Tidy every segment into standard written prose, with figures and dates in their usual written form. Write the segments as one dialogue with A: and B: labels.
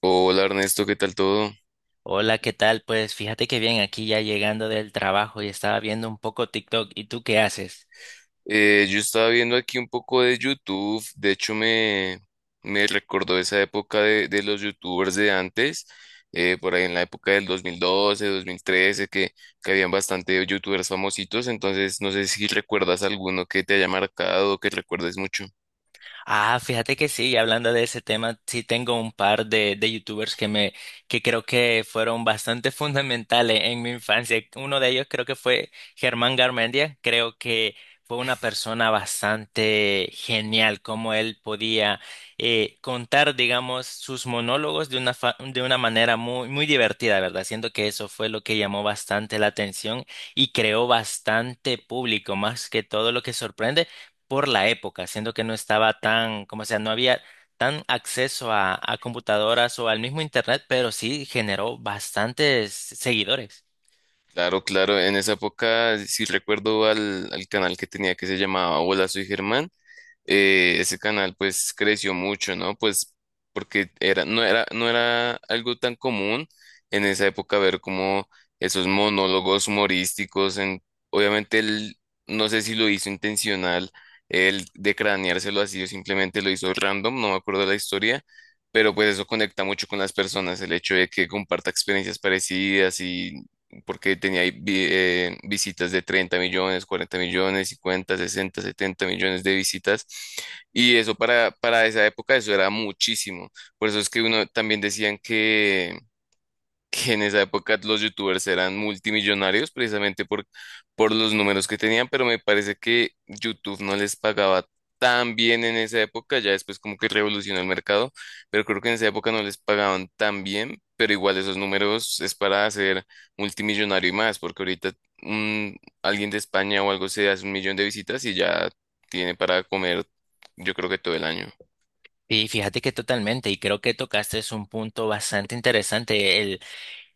A: Hola Ernesto, ¿qué tal todo?
B: Hola, ¿qué tal? Pues fíjate que bien, aquí ya llegando del trabajo y estaba viendo un poco TikTok. ¿Y tú qué haces?
A: Yo estaba viendo aquí un poco de YouTube, de hecho me recordó esa época de los YouTubers de antes, por ahí en la época del 2012, 2013, que habían bastante YouTubers famositos, entonces no sé si recuerdas alguno que te haya marcado o que recuerdes mucho.
B: Ah, fíjate que sí, y hablando de ese tema, sí tengo un par de youtubers que me, que creo que fueron bastante fundamentales en mi infancia. Uno de ellos creo que fue Germán Garmendia. Creo que fue una persona bastante genial, como él podía contar, digamos, sus monólogos de una, de una manera muy, muy divertida, ¿verdad? Siento que eso fue lo que llamó bastante la atención y creó bastante público, más que todo lo que sorprende por la época, siendo que no estaba tan, como sea, no había tan acceso a computadoras o al mismo internet, pero sí generó bastantes seguidores.
A: Claro, claro, en esa época sí recuerdo al canal que tenía que se llamaba Hola Soy Germán. Ese canal pues creció mucho, ¿no? Pues porque no era algo tan común en esa época ver como esos monólogos humorísticos en, obviamente él, no sé si lo hizo intencional, él de craneárselo así o simplemente lo hizo random, no me acuerdo la historia, pero pues eso conecta mucho con las personas, el hecho de que comparta experiencias parecidas y porque tenía ahí visitas de 30 millones, 40 millones, 50, 60, 70 millones de visitas. Y eso para esa época, eso era muchísimo. Por eso es que uno también decían que en esa época los youtubers eran multimillonarios precisamente por los números que tenían, pero me parece que YouTube no les pagaba tan bien en esa época, ya después como que revolucionó el mercado, pero creo que en esa época no les pagaban tan bien, pero igual esos números es para hacer multimillonario y más, porque ahorita un- alguien de España o algo se hace un millón de visitas y ya tiene para comer. Yo creo que todo el año.
B: Y fíjate que totalmente, y creo que tocaste es un punto bastante interesante,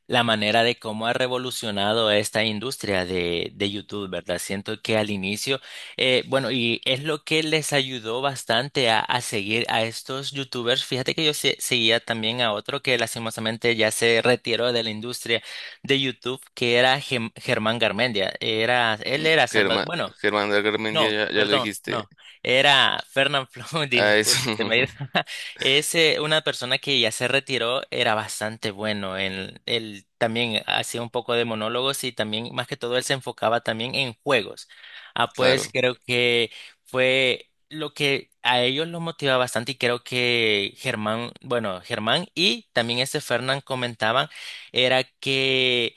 B: la manera de cómo ha revolucionado esta industria de YouTube, ¿verdad? Siento que al inicio, bueno, y es lo que les ayudó bastante a seguir a estos YouTubers. Fíjate que yo seguía también a otro que lastimosamente ya se retiró de la industria de YouTube, que era Germán Garmendia. Era, él
A: Mm,
B: era Salvador,
A: Germán,
B: bueno,
A: Germán de Garmendia,
B: no,
A: ya, ya lo
B: perdón,
A: dijiste.
B: no, era Fernán Flow,
A: A eso,
B: disculpe, se me ha ido. Es una persona que ya se retiró, era bastante bueno. En- él también hacía un poco de monólogos y también, más que todo, él se enfocaba también en juegos. Ah, pues
A: claro.
B: creo que fue lo que a ellos los motivaba bastante y creo que Germán, bueno, Germán y también este Fernán comentaban, era que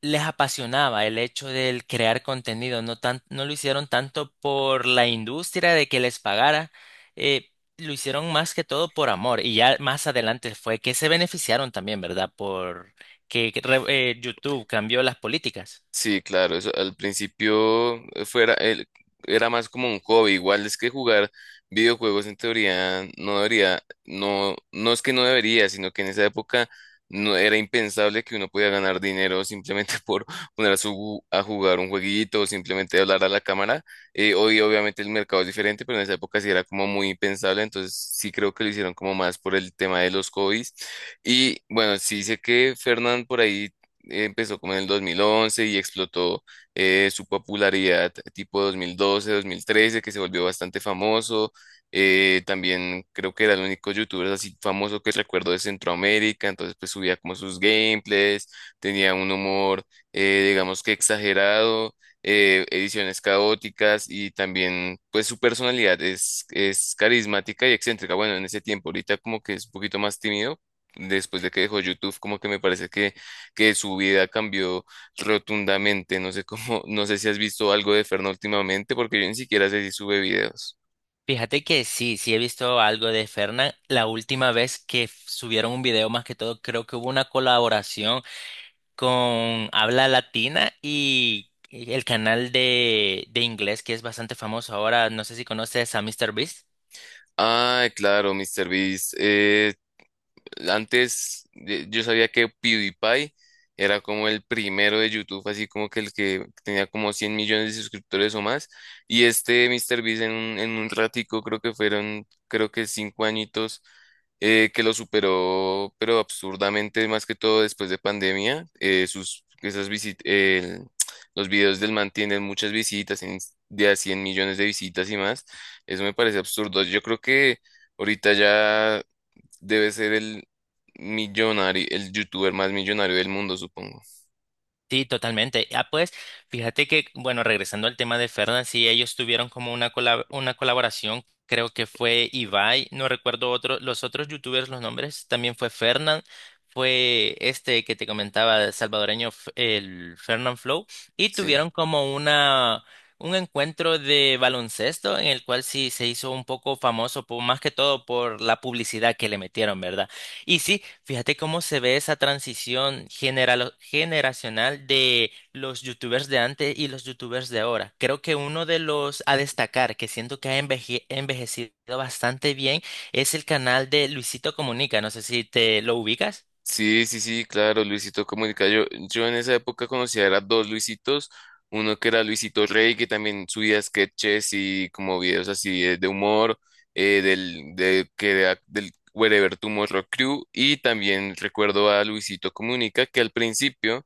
B: les apasionaba el hecho del crear contenido, no tan, no lo hicieron tanto por la industria de que les pagara, eh, lo hicieron más que todo por amor y ya más adelante fue que se beneficiaron también, ¿verdad? Por que re- YouTube cambió las políticas.
A: Sí, claro, eso al principio era más como un hobby, igual es que jugar videojuegos en teoría no debería, no, no es que no debería, sino que en esa época no era impensable que uno pudiera ganar dinero simplemente por poner a jugar un jueguito o simplemente hablar a la cámara. Hoy obviamente el mercado es diferente, pero en esa época sí era como muy impensable, entonces sí creo que lo hicieron como más por el tema de los hobbies. Y bueno, sí sé que Fernán por ahí empezó como en el 2011 y explotó su popularidad tipo 2012, 2013, que se volvió bastante famoso. También creo que era el único youtuber así famoso que recuerdo de Centroamérica, entonces pues subía como sus gameplays, tenía un humor digamos que exagerado, ediciones caóticas y también pues su personalidad es carismática y excéntrica. Bueno, en ese tiempo ahorita como que es un poquito más tímido, después de que dejó YouTube como que me parece que su vida cambió rotundamente. No sé cómo, no sé si has visto algo de Ferno últimamente, porque yo ni siquiera sé si sube videos.
B: Fíjate que sí, sí he visto algo de Fernan. La última vez que subieron un video, más que todo, creo que hubo una colaboración con habla latina y el canal de inglés que es bastante famoso ahora. No sé si conoces a MrBeast.
A: Ah, claro, MrBeast. Beast Antes yo sabía que PewDiePie era como el primero de YouTube, así como que el que tenía como 100 millones de suscriptores o más. Y este MrBeast en un ratico, creo que fueron, creo que cinco añitos, que lo superó, pero absurdamente, más que todo después de pandemia. Sus, esas visit- el- Los videos del man tienen muchas visitas, de a 100 millones de visitas y más. Eso me parece absurdo. Yo creo que... Ahorita ya debe ser el millonario, el youtuber más millonario del mundo, supongo.
B: Sí, totalmente. Ah, pues, fíjate que, bueno, regresando al tema de Fernan, sí, ellos tuvieron como una una colaboración, creo que fue Ibai, no recuerdo otro, los otros youtubers, los nombres, también fue Fernan, fue este que te comentaba, el salvadoreño, el Fernan Flow, y
A: Sí.
B: tuvieron como una, un encuentro de baloncesto en el cual sí se hizo un poco famoso, más que todo por la publicidad que le metieron, ¿verdad? Y sí, fíjate cómo se ve esa transición generacional de los youtubers de antes y los youtubers de ahora. Creo que uno de los a destacar, que siento que ha envejecido bastante bien, es el canal de Luisito Comunica. No sé si te lo ubicas.
A: Sí, sí, sí, claro, Luisito Comunica. Yo en esa época conocía era dos Luisitos, uno que era Luisito Rey, que también subía sketches y como videos así de humor, que era del Wherever Tomorrow Crew, y también recuerdo a Luisito Comunica, que al principio,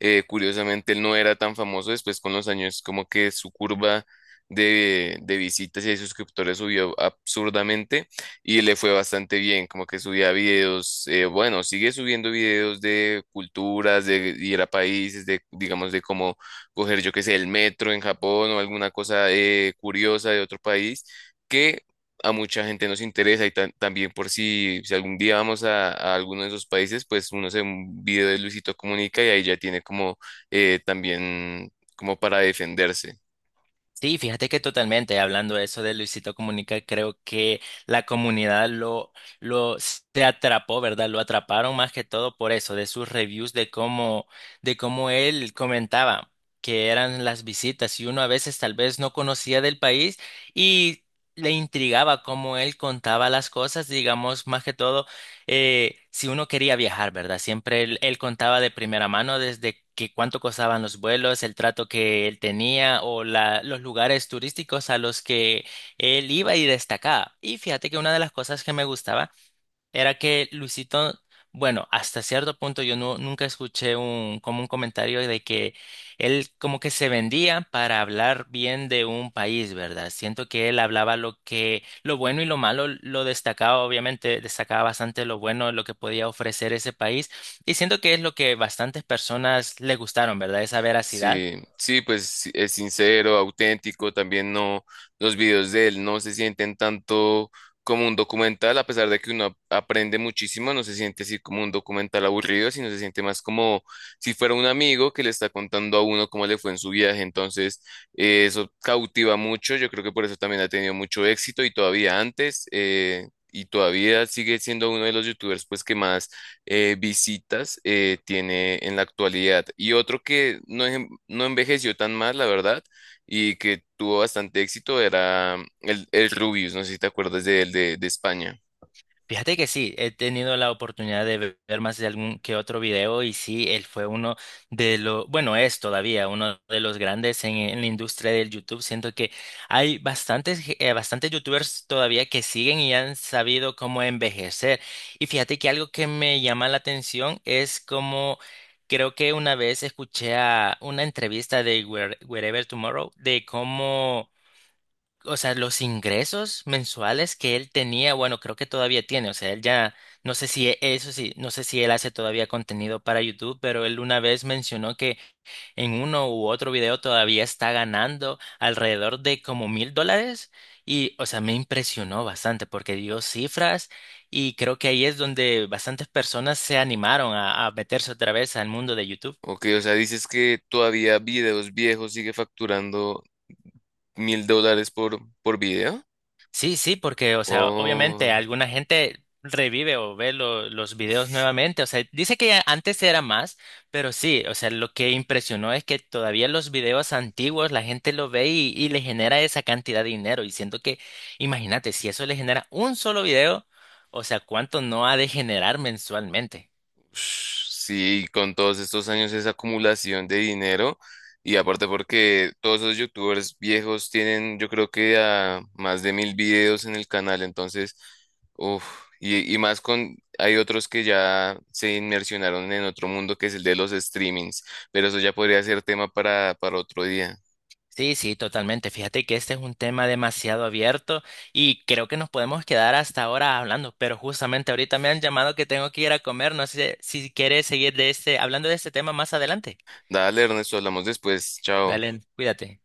A: curiosamente, él no era tan famoso, después con los años como que su curva de visitas y de suscriptores subió absurdamente y le fue bastante bien, como que subía videos, bueno, sigue subiendo videos de culturas, de ir a países, de, digamos, de cómo coger, yo qué sé, el metro en Japón o alguna cosa curiosa de otro país, que a mucha gente nos interesa y también por si, si algún día vamos a alguno de esos países, pues uno se ve un video de Luisito Comunica y ahí ya tiene como también como para defenderse.
B: Sí, fíjate que totalmente, hablando de eso de Luisito Comunica, creo que la comunidad lo se atrapó, ¿verdad? Lo atraparon más que todo por eso, de sus reviews, de cómo él comentaba que eran las visitas y uno a veces tal vez no conocía del país y le intrigaba cómo él contaba las cosas, digamos, más que todo si uno quería viajar, ¿verdad? Siempre él, él contaba de primera mano desde que cuánto costaban los vuelos, el trato que él tenía o los lugares turísticos a los que él iba y destacaba. Y fíjate que una de las cosas que me gustaba era que Luisito, bueno, hasta cierto punto yo no, nunca escuché un, como un comentario de que él como que se vendía para hablar bien de un país, ¿verdad? Siento que él hablaba lo que, lo bueno y lo malo, lo destacaba, obviamente, destacaba bastante lo bueno, lo que podía ofrecer ese país, y siento que es lo que bastantes personas le gustaron, ¿verdad? Esa veracidad.
A: Sí, sí, pues sí, es sincero, auténtico, también no, los videos de él no se sienten tanto como un documental, a pesar de que uno aprende muchísimo, no se siente así como un documental aburrido, sino se siente más como si fuera un amigo que le está contando a uno cómo le fue en su viaje, entonces eso cautiva mucho, yo creo que por eso también ha tenido mucho éxito y todavía antes, y todavía sigue siendo uno de los youtubers pues que más visitas tiene en la actualidad. Y otro que no, no envejeció tan mal, la verdad, y que tuvo bastante éxito era mm, el Rubius, no sé si te acuerdas de él, de España.
B: Fíjate que sí, he tenido la oportunidad de ver más de algún que otro video y sí, él fue uno de los, bueno, es todavía uno de los grandes en la industria del YouTube. Siento que hay bastantes, bastantes YouTubers todavía que siguen y han sabido cómo envejecer. Y fíjate que algo que me llama la atención es como, creo que una vez escuché a una entrevista de Wherever Tomorrow de cómo o sea, los ingresos mensuales que él tenía, bueno, creo que todavía tiene, o sea, él ya, no sé si, eso sí, no sé si él hace todavía contenido para YouTube, pero él una vez mencionó que en uno u otro video todavía está ganando alrededor de como $1000 y, o sea, me impresionó bastante porque dio cifras y creo que ahí es donde bastantes personas se animaron a meterse otra vez al mundo de YouTube.
A: Ok, o sea, dices que todavía videos viejos sigue facturando $1000 por video.
B: Sí, sí, porque, o sea, obviamente
A: Oh,
B: alguna gente revive o ve los videos nuevamente. O sea, dice que antes era más, pero sí, o sea, lo que impresionó es que todavía los videos antiguos la gente lo ve y le genera esa cantidad de dinero. Y siento que, imagínate, si eso le genera un solo video, o sea, ¿cuánto no ha de generar mensualmente?
A: sí, con todos estos años esa acumulación de dinero y aparte porque todos esos youtubers viejos tienen yo creo que a más de 1000 videos en el canal, entonces, uf, y más con, hay otros que ya se inmersionaron en otro mundo que es el de los streamings, pero eso ya podría ser tema para otro día.
B: Sí, sí, totalmente. Fíjate que este es un tema demasiado abierto y creo que nos podemos quedar hasta ahora hablando, pero justamente ahorita me han llamado que tengo que ir a comer. No sé si quieres seguir de este, hablando de este tema más adelante.
A: Dale, Ernesto, hablamos después, chao.
B: Dale, cuídate.